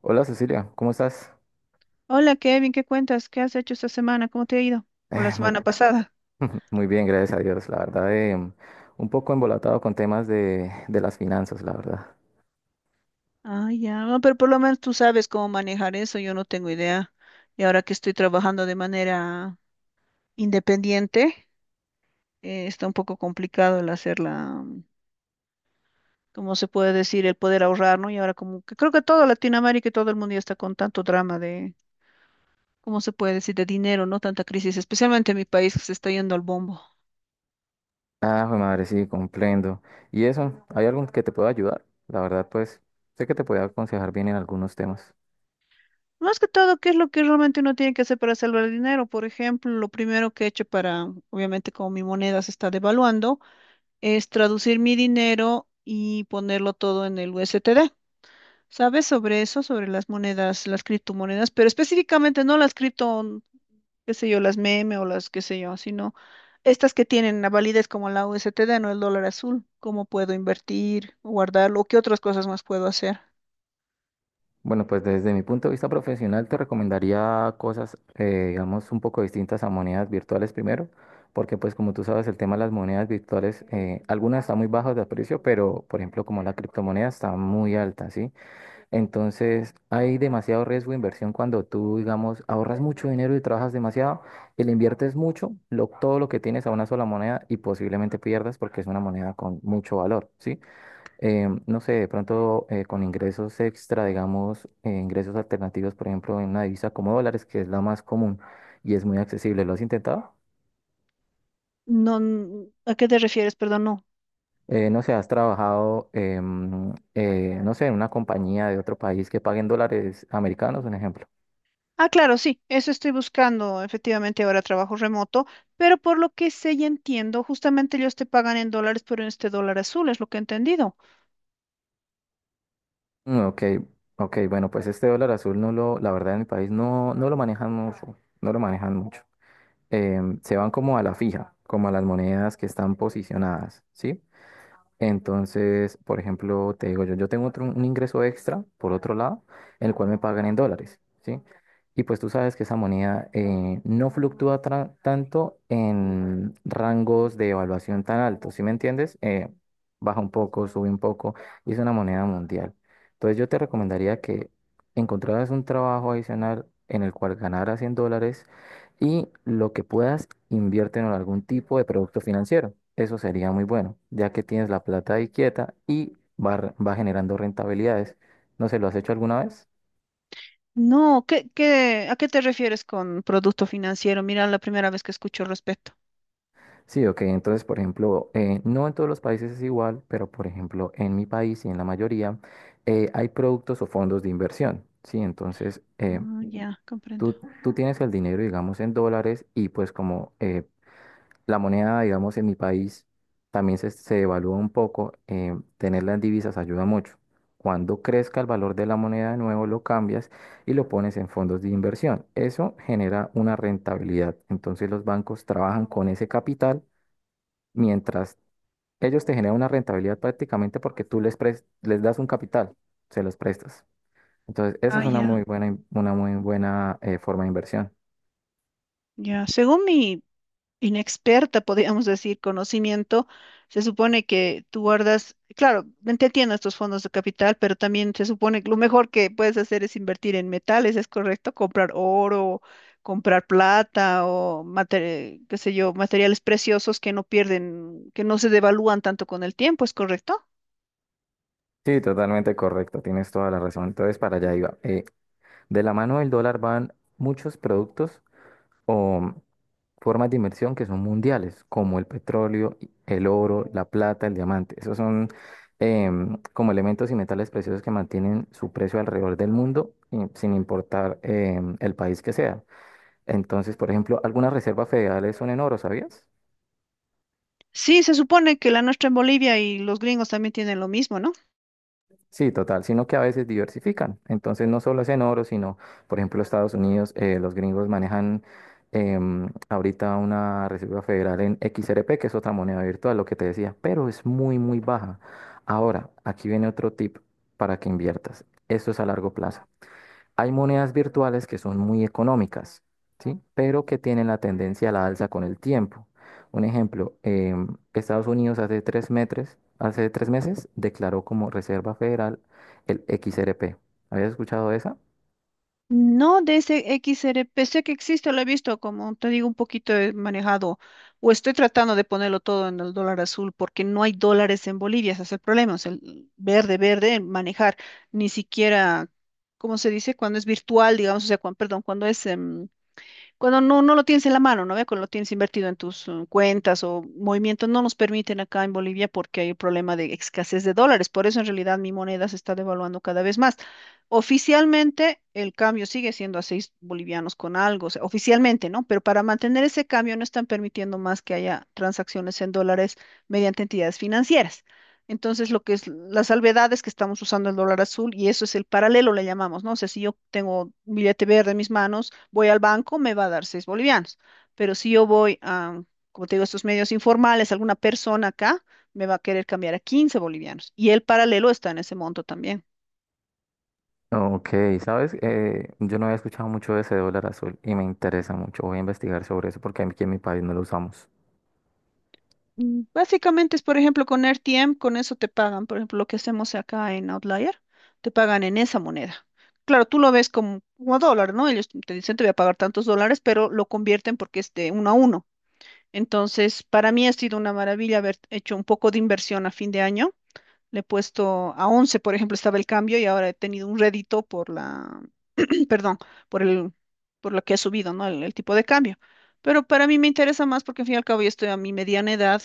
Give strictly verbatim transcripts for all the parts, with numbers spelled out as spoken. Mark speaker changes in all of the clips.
Speaker 1: Hola Cecilia, ¿cómo estás?
Speaker 2: Hola Kevin, ¿qué cuentas? ¿Qué has hecho esta semana? ¿Cómo te ha ido? ¿O la
Speaker 1: Eh, muy,
Speaker 2: semana pasada?
Speaker 1: muy bien, gracias a Dios. La verdad, em, un poco embolatado con temas de, de las finanzas, la verdad.
Speaker 2: Ah, ya, no, pero por lo menos tú sabes cómo manejar eso, yo no tengo idea. Y ahora que estoy trabajando de manera independiente, eh, está un poco complicado el hacer la, ¿cómo se puede decir? El poder ahorrar, ¿no? Y ahora como que creo que toda Latinoamérica y todo el mundo ya está con tanto drama de, ¿cómo se puede decir? De dinero, ¿no? Tanta crisis, especialmente en mi país que se está yendo al bombo.
Speaker 1: Ah, jue madre, sí, comprendo. ¿Y eso? ¿Hay algo que te pueda ayudar? La verdad, pues, sé que te puede aconsejar bien en algunos temas.
Speaker 2: Más que todo, ¿qué es lo que realmente uno tiene que hacer para salvar el dinero? Por ejemplo, lo primero que he hecho para, obviamente como mi moneda se está devaluando, es traducir mi dinero y ponerlo todo en el U S T D. ¿Sabes sobre eso? Sobre las monedas, las criptomonedas, pero específicamente no las cripto, qué sé yo, las meme o las qué sé yo, sino estas que tienen la validez como la U S T D, no el dólar azul. ¿Cómo puedo invertir, guardarlo? ¿Qué otras cosas más puedo hacer?
Speaker 1: Bueno, pues desde mi punto de vista profesional te recomendaría cosas, eh, digamos, un poco distintas a monedas virtuales primero, porque pues como tú sabes, el tema de las monedas virtuales, eh, algunas están muy bajas de precio, pero por ejemplo como la criptomoneda está muy alta, ¿sí? Entonces, hay demasiado riesgo de inversión cuando tú, digamos, ahorras mucho dinero y trabajas demasiado, y le inviertes mucho, lo- todo lo que tienes a una sola moneda y posiblemente pierdas porque es una moneda con mucho valor, ¿sí? Eh, no sé, de pronto eh, con ingresos extra, digamos, eh, ingresos alternativos, por ejemplo, en una divisa como dólares, que es la más común y es muy accesible. ¿Lo has intentado?
Speaker 2: No, n- ¿a qué te refieres? Perdón, no.
Speaker 1: Eh, no sé, has trabajado, em, eh, no sé, en una compañía de otro país que pague en dólares americanos, un ejemplo.
Speaker 2: Ah, claro, sí, eso estoy buscando. Efectivamente, ahora trabajo remoto, pero por lo que sé y entiendo, justamente ellos te pagan en dólares, pero en este dólar azul, es lo que he entendido.
Speaker 1: Mm, ok, ok, bueno, pues este dólar azul no lo, la verdad en mi país no, no lo manejan mucho, no lo manejan mucho. Em, se van como a la fija, como a las monedas que están posicionadas, ¿sí? Entonces, por ejemplo, te digo yo, yo tengo otro, un ingreso extra, por otro lado, en el cual me pagan en dólares, ¿sí? Y pues tú sabes que esa moneda eh, no fluctúa tra- tanto en rangos de evaluación tan altos, ¿sí me entiendes? Eh, baja un poco, sube un poco, y es una moneda mundial. Entonces yo te recomendaría que encontraras un trabajo adicional en el cual ganaras en dólares y lo que puedas, inviértelo en algún tipo de producto financiero. Eso sería muy bueno, ya que tienes la plata ahí quieta y va, re- va generando rentabilidades. ¿No se lo has hecho alguna vez?
Speaker 2: No, ¿qué, qué, a qué te refieres con producto financiero? Mira, la primera vez que escucho al respecto.
Speaker 1: Sí, ok. Entonces, por ejemplo, eh, no en todos los países es igual, pero por ejemplo, en mi país y en la mayoría, eh, hay productos o fondos de inversión. Sí, entonces eh,
Speaker 2: Ah, ya, comprendo.
Speaker 1: tú, tú tienes el dinero, digamos, en dólares y pues como eh, la moneda, digamos, en mi país también se, se devalúa un poco. Eh, tenerla en divisas ayuda mucho. Cuando crezca el valor de la moneda de nuevo, lo cambias y lo pones en fondos de inversión. Eso genera una rentabilidad. Entonces los bancos trabajan con ese capital mientras ellos te generan una rentabilidad prácticamente porque tú les, pres- les das un capital, se los prestas. Entonces esa es
Speaker 2: Ah,
Speaker 1: una muy
Speaker 2: ya,
Speaker 1: buena, in- una muy buena eh, forma de inversión.
Speaker 2: ya. Según mi inexperta, podríamos decir, conocimiento, se supone que tú guardas, claro, te entiendo estos fondos de capital, pero también se supone que lo mejor que puedes hacer es invertir en metales, ¿es correcto? Comprar oro, comprar plata o mate- qué sé yo, materiales preciosos que no pierden, que no se devalúan tanto con el tiempo, ¿es correcto?
Speaker 1: Sí, totalmente correcto, tienes toda la razón. Entonces, para allá iba. De la mano del dólar van muchos productos o formas de inversión que son mundiales, como el petróleo, el oro, la plata, el diamante. Esos son em, como elementos y metales preciosos que mantienen su precio alrededor del mundo, y sin importar em, el país que sea. Entonces, por ejemplo, algunas reservas federales son en oro, ¿sabías?
Speaker 2: Sí, se supone que la nuestra en Bolivia y los gringos también tienen lo mismo, ¿no?
Speaker 1: Sí, total, sino que a veces diversifican. Entonces no solo es en oro, sino, por ejemplo, Estados Unidos, eh, los gringos manejan em, ahorita una Reserva Federal en X R P, que es otra moneda virtual, lo que te decía, pero es muy, muy baja. Ahora, aquí viene otro tip para que inviertas. Esto es a largo plazo. Hay monedas virtuales que son muy económicas, ¿sí? Pero que tienen la tendencia a la alza con el tiempo. Un ejemplo, em, Estados Unidos hace tres meses, hace tres meses declaró como Reserva Federal el X R P. ¿Habías escuchado de esa?
Speaker 2: No de ese X R P, sé que existe, lo he visto, como te digo, un poquito he manejado, o estoy tratando de ponerlo todo en el dólar azul, porque no hay dólares en Bolivia, ese es el problema, o sea, el verde, verde, el manejar, ni siquiera, ¿cómo se dice? Cuando es virtual, digamos, o sea, cuan- perdón, cuando es em, cuando no, no lo tienes en la mano, ¿no ve? Cuando lo tienes invertido en tus eh, cuentas o movimientos, no nos permiten acá en Bolivia porque hay el problema de escasez de dólares. Por eso en realidad mi moneda se está devaluando cada vez más. Oficialmente el cambio sigue siendo a seis bolivianos con algo, o sea, oficialmente, ¿no? Pero para mantener ese cambio no están permitiendo más que haya transacciones en dólares mediante entidades financieras. Entonces, lo que es la salvedad es que estamos usando el dólar azul y eso es el paralelo, le llamamos, ¿no? O sea, si yo tengo un billete verde en mis manos, voy al banco, me va a dar seis bolivianos. Pero si yo voy a, como te digo, estos medios informales, alguna persona acá me va a querer cambiar a quince bolivianos. Y el paralelo está en ese monto también.
Speaker 1: Ok, sabes, Eh, yo no había escuchado mucho de ese dólar azul y me interesa mucho. Voy a investigar sobre eso porque aquí en mi país no lo usamos.
Speaker 2: Mm. Básicamente es, por ejemplo, con R T M con eso te pagan. Por ejemplo, lo que hacemos acá en Outlier, te pagan en esa moneda. Claro, tú lo ves como, como dólar, ¿no? Ellos te dicen te voy a pagar tantos dólares, pero lo convierten porque es de uno a uno. Entonces, para mí ha sido una maravilla haber hecho un poco de inversión a fin de año. Le he puesto a once por ejemplo, estaba el cambio y ahora he tenido un rédito por la, perdón, por el, por lo que ha subido, ¿no? El, el tipo de cambio. Pero para mí me interesa más porque al fin y al cabo ya estoy a mi mediana edad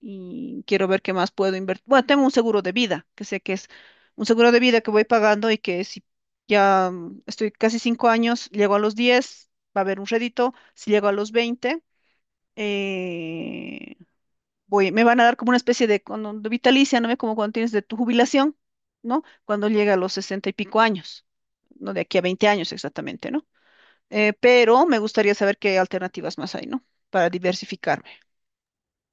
Speaker 2: y quiero ver qué más puedo invertir. Bueno, tengo un seguro de vida, que sé que es un seguro de vida que voy pagando y que si ya mm, estoy casi cinco años, llego a los diez va a haber un rédito. Si llego a los veinte eh, voy, me van a dar como una especie de, cono- de vitalicia, ¿no ve? Como cuando tienes de tu jubilación, ¿no? Cuando llega a los sesenta y pico años, no de aquí a veinte años exactamente, ¿no? Eh, pero me gustaría saber qué alternativas más hay, ¿no? Para diversificarme.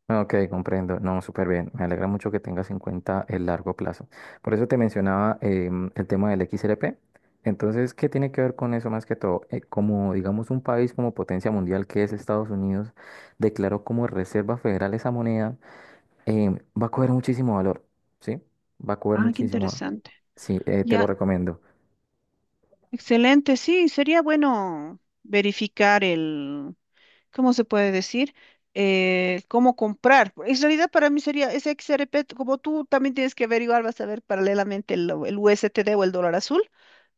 Speaker 1: Ah, ok, comprendo. No, súper bien. Me alegra mucho que tengas en cuenta el largo plazo. Por eso te mencionaba em, el tema del X R P. Entonces, ¿qué tiene que ver con eso más que todo? Eh, como, digamos, un país como potencia mundial que es Estados Unidos, declaró como reserva federal esa moneda, em, va a coger muchísimo valor, ¿sí? Va a coger
Speaker 2: Ah, qué
Speaker 1: muchísimo valor.
Speaker 2: interesante.
Speaker 1: Sí, eh, te lo
Speaker 2: Ya,
Speaker 1: recomiendo.
Speaker 2: excelente. Sí, sería bueno verificar el, ¿cómo se puede decir? Eh, cómo comprar. En realidad para mí sería ese X R P, como tú también tienes que averiguar, vas a ver paralelamente el, el U S T D o el dólar azul.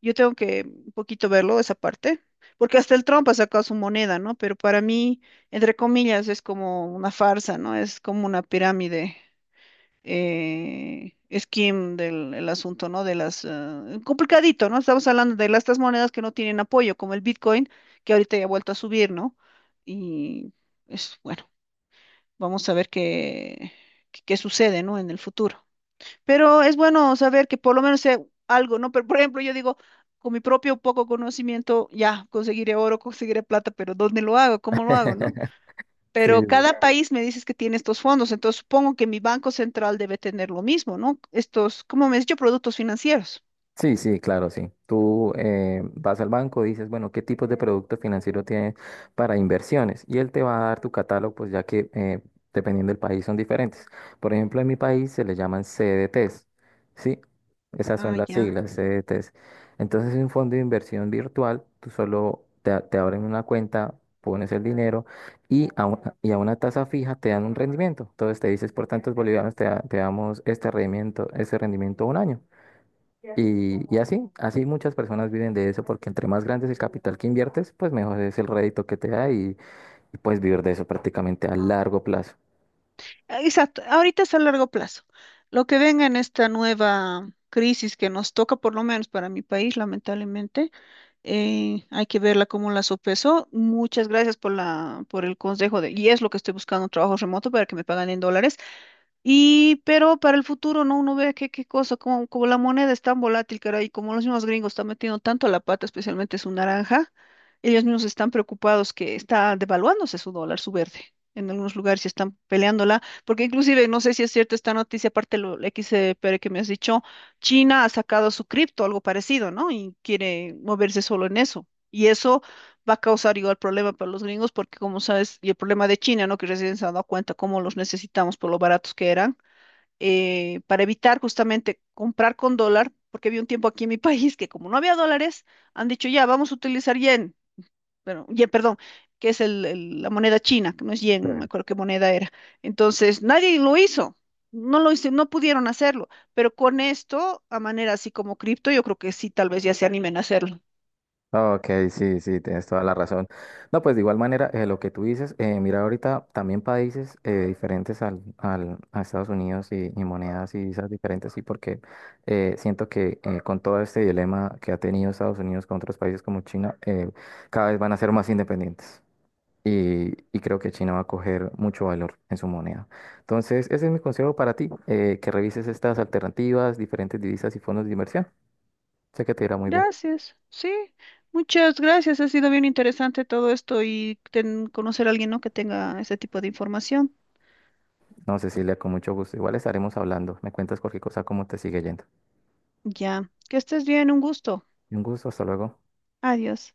Speaker 2: Yo tengo que un poquito verlo, esa parte, porque hasta el Trump ha sacado su moneda, ¿no? Pero para mí, entre comillas, es como una farsa, ¿no? Es como una pirámide eh, skim del el asunto, ¿no? De las, eh, complicadito, ¿no? Estamos hablando de las, estas monedas que no tienen apoyo, como el Bitcoin, que ahorita ya ha vuelto a subir, ¿no? Y es bueno, vamos a ver qué, qué, qué sucede, ¿no? En el futuro. Pero es bueno saber que por lo menos sea algo, ¿no? Pero, por ejemplo, yo digo, con mi propio poco conocimiento, ya conseguiré oro, conseguiré plata, pero ¿dónde lo hago? ¿Cómo lo hago? ¿No?
Speaker 1: Sí,
Speaker 2: Pero
Speaker 1: sí.
Speaker 2: cada país me dices que tiene estos fondos, entonces supongo que mi banco central debe tener lo mismo, ¿no? Estos, ¿cómo me has dicho? Productos financieros.
Speaker 1: Sí, sí, claro, sí. Tú eh, vas al banco y dices, bueno, ¿qué tipos de producto financiero tienes para inversiones? Y él te va a dar tu catálogo, pues ya que eh, dependiendo del país son diferentes. Por ejemplo, en mi país se le llaman C D Ts, ¿sí? Esas
Speaker 2: Ah,
Speaker 1: son las
Speaker 2: ya.
Speaker 1: siglas, C D Ts. Entonces, es un fondo de inversión virtual, tú solo te, a- te abren una cuenta, pones el dinero y a una, y a una tasa fija te dan un rendimiento. Entonces, te dices, por tantos bolivianos te, da- te damos este rendimiento, este rendimiento un año. Y, y así, así muchas personas viven de eso porque entre más grande es el capital que inviertes, pues mejor es el rédito que te da y, y puedes vivir de eso prácticamente a largo plazo.
Speaker 2: Ah, exacto, ahorita es a largo plazo. Lo que venga en esta nueva crisis que nos toca, por lo menos para mi país, lamentablemente, eh, hay que verla como la sopeso. Muchas gracias por la, por el consejo de, y es lo que estoy buscando, un trabajo remoto para que me paguen en dólares. Y, pero para el futuro, ¿no? Uno ve qué, qué cosa, como, como la moneda es tan volátil, caray, como los mismos gringos están metiendo tanto la pata, especialmente su naranja, ellos mismos están preocupados que está devaluándose su dólar, su verde. En algunos lugares se están peleándola, porque inclusive, no sé si es cierta esta noticia, aparte lo la X P R que me has dicho, China ha sacado su cripto, algo parecido, ¿no? Y quiere moverse solo en eso. Y eso va a causar igual problema para los gringos, porque como sabes, y el problema de China, ¿no? Que recién se han dado cuenta cómo los necesitamos por lo baratos que eran, eh, para evitar justamente comprar con dólar, porque había un tiempo aquí en mi país que como no había dólares, han dicho ya, vamos a utilizar yen, bueno, yen, perdón, que es el- el- la moneda china, que no es yen, no me
Speaker 1: Sí.
Speaker 2: acuerdo qué moneda era. Entonces, nadie lo hizo. No lo hice, no pudieron hacerlo, pero con esto, a manera así como cripto, yo creo que sí, tal vez ya se animen a hacerlo.
Speaker 1: Ok, sí, sí, tienes toda la razón. No, pues de igual manera, eh, lo que tú dices, eh, mira ahorita también países eh, diferentes al, al- a Estados Unidos y, y monedas y esas diferentes, sí, porque eh, siento que eh, con todo este dilema que ha tenido Estados Unidos con otros países como China, eh, cada vez van a ser más independientes. Y, y creo que China va a coger mucho valor en su moneda. Entonces, ese es mi consejo para ti, eh, que revises estas alternativas, diferentes divisas y fondos de inversión. Sé que te irá muy bien.
Speaker 2: Gracias, sí, muchas gracias. Ha sido bien interesante todo esto y ten- conocer a alguien, ¿no? que tenga ese tipo de información.
Speaker 1: No, Cecilia, con mucho gusto. Igual estaremos hablando. Me cuentas cualquier cosa, cómo te sigue yendo.
Speaker 2: Ya, que estés bien, un gusto.
Speaker 1: Un gusto, hasta luego.
Speaker 2: Adiós.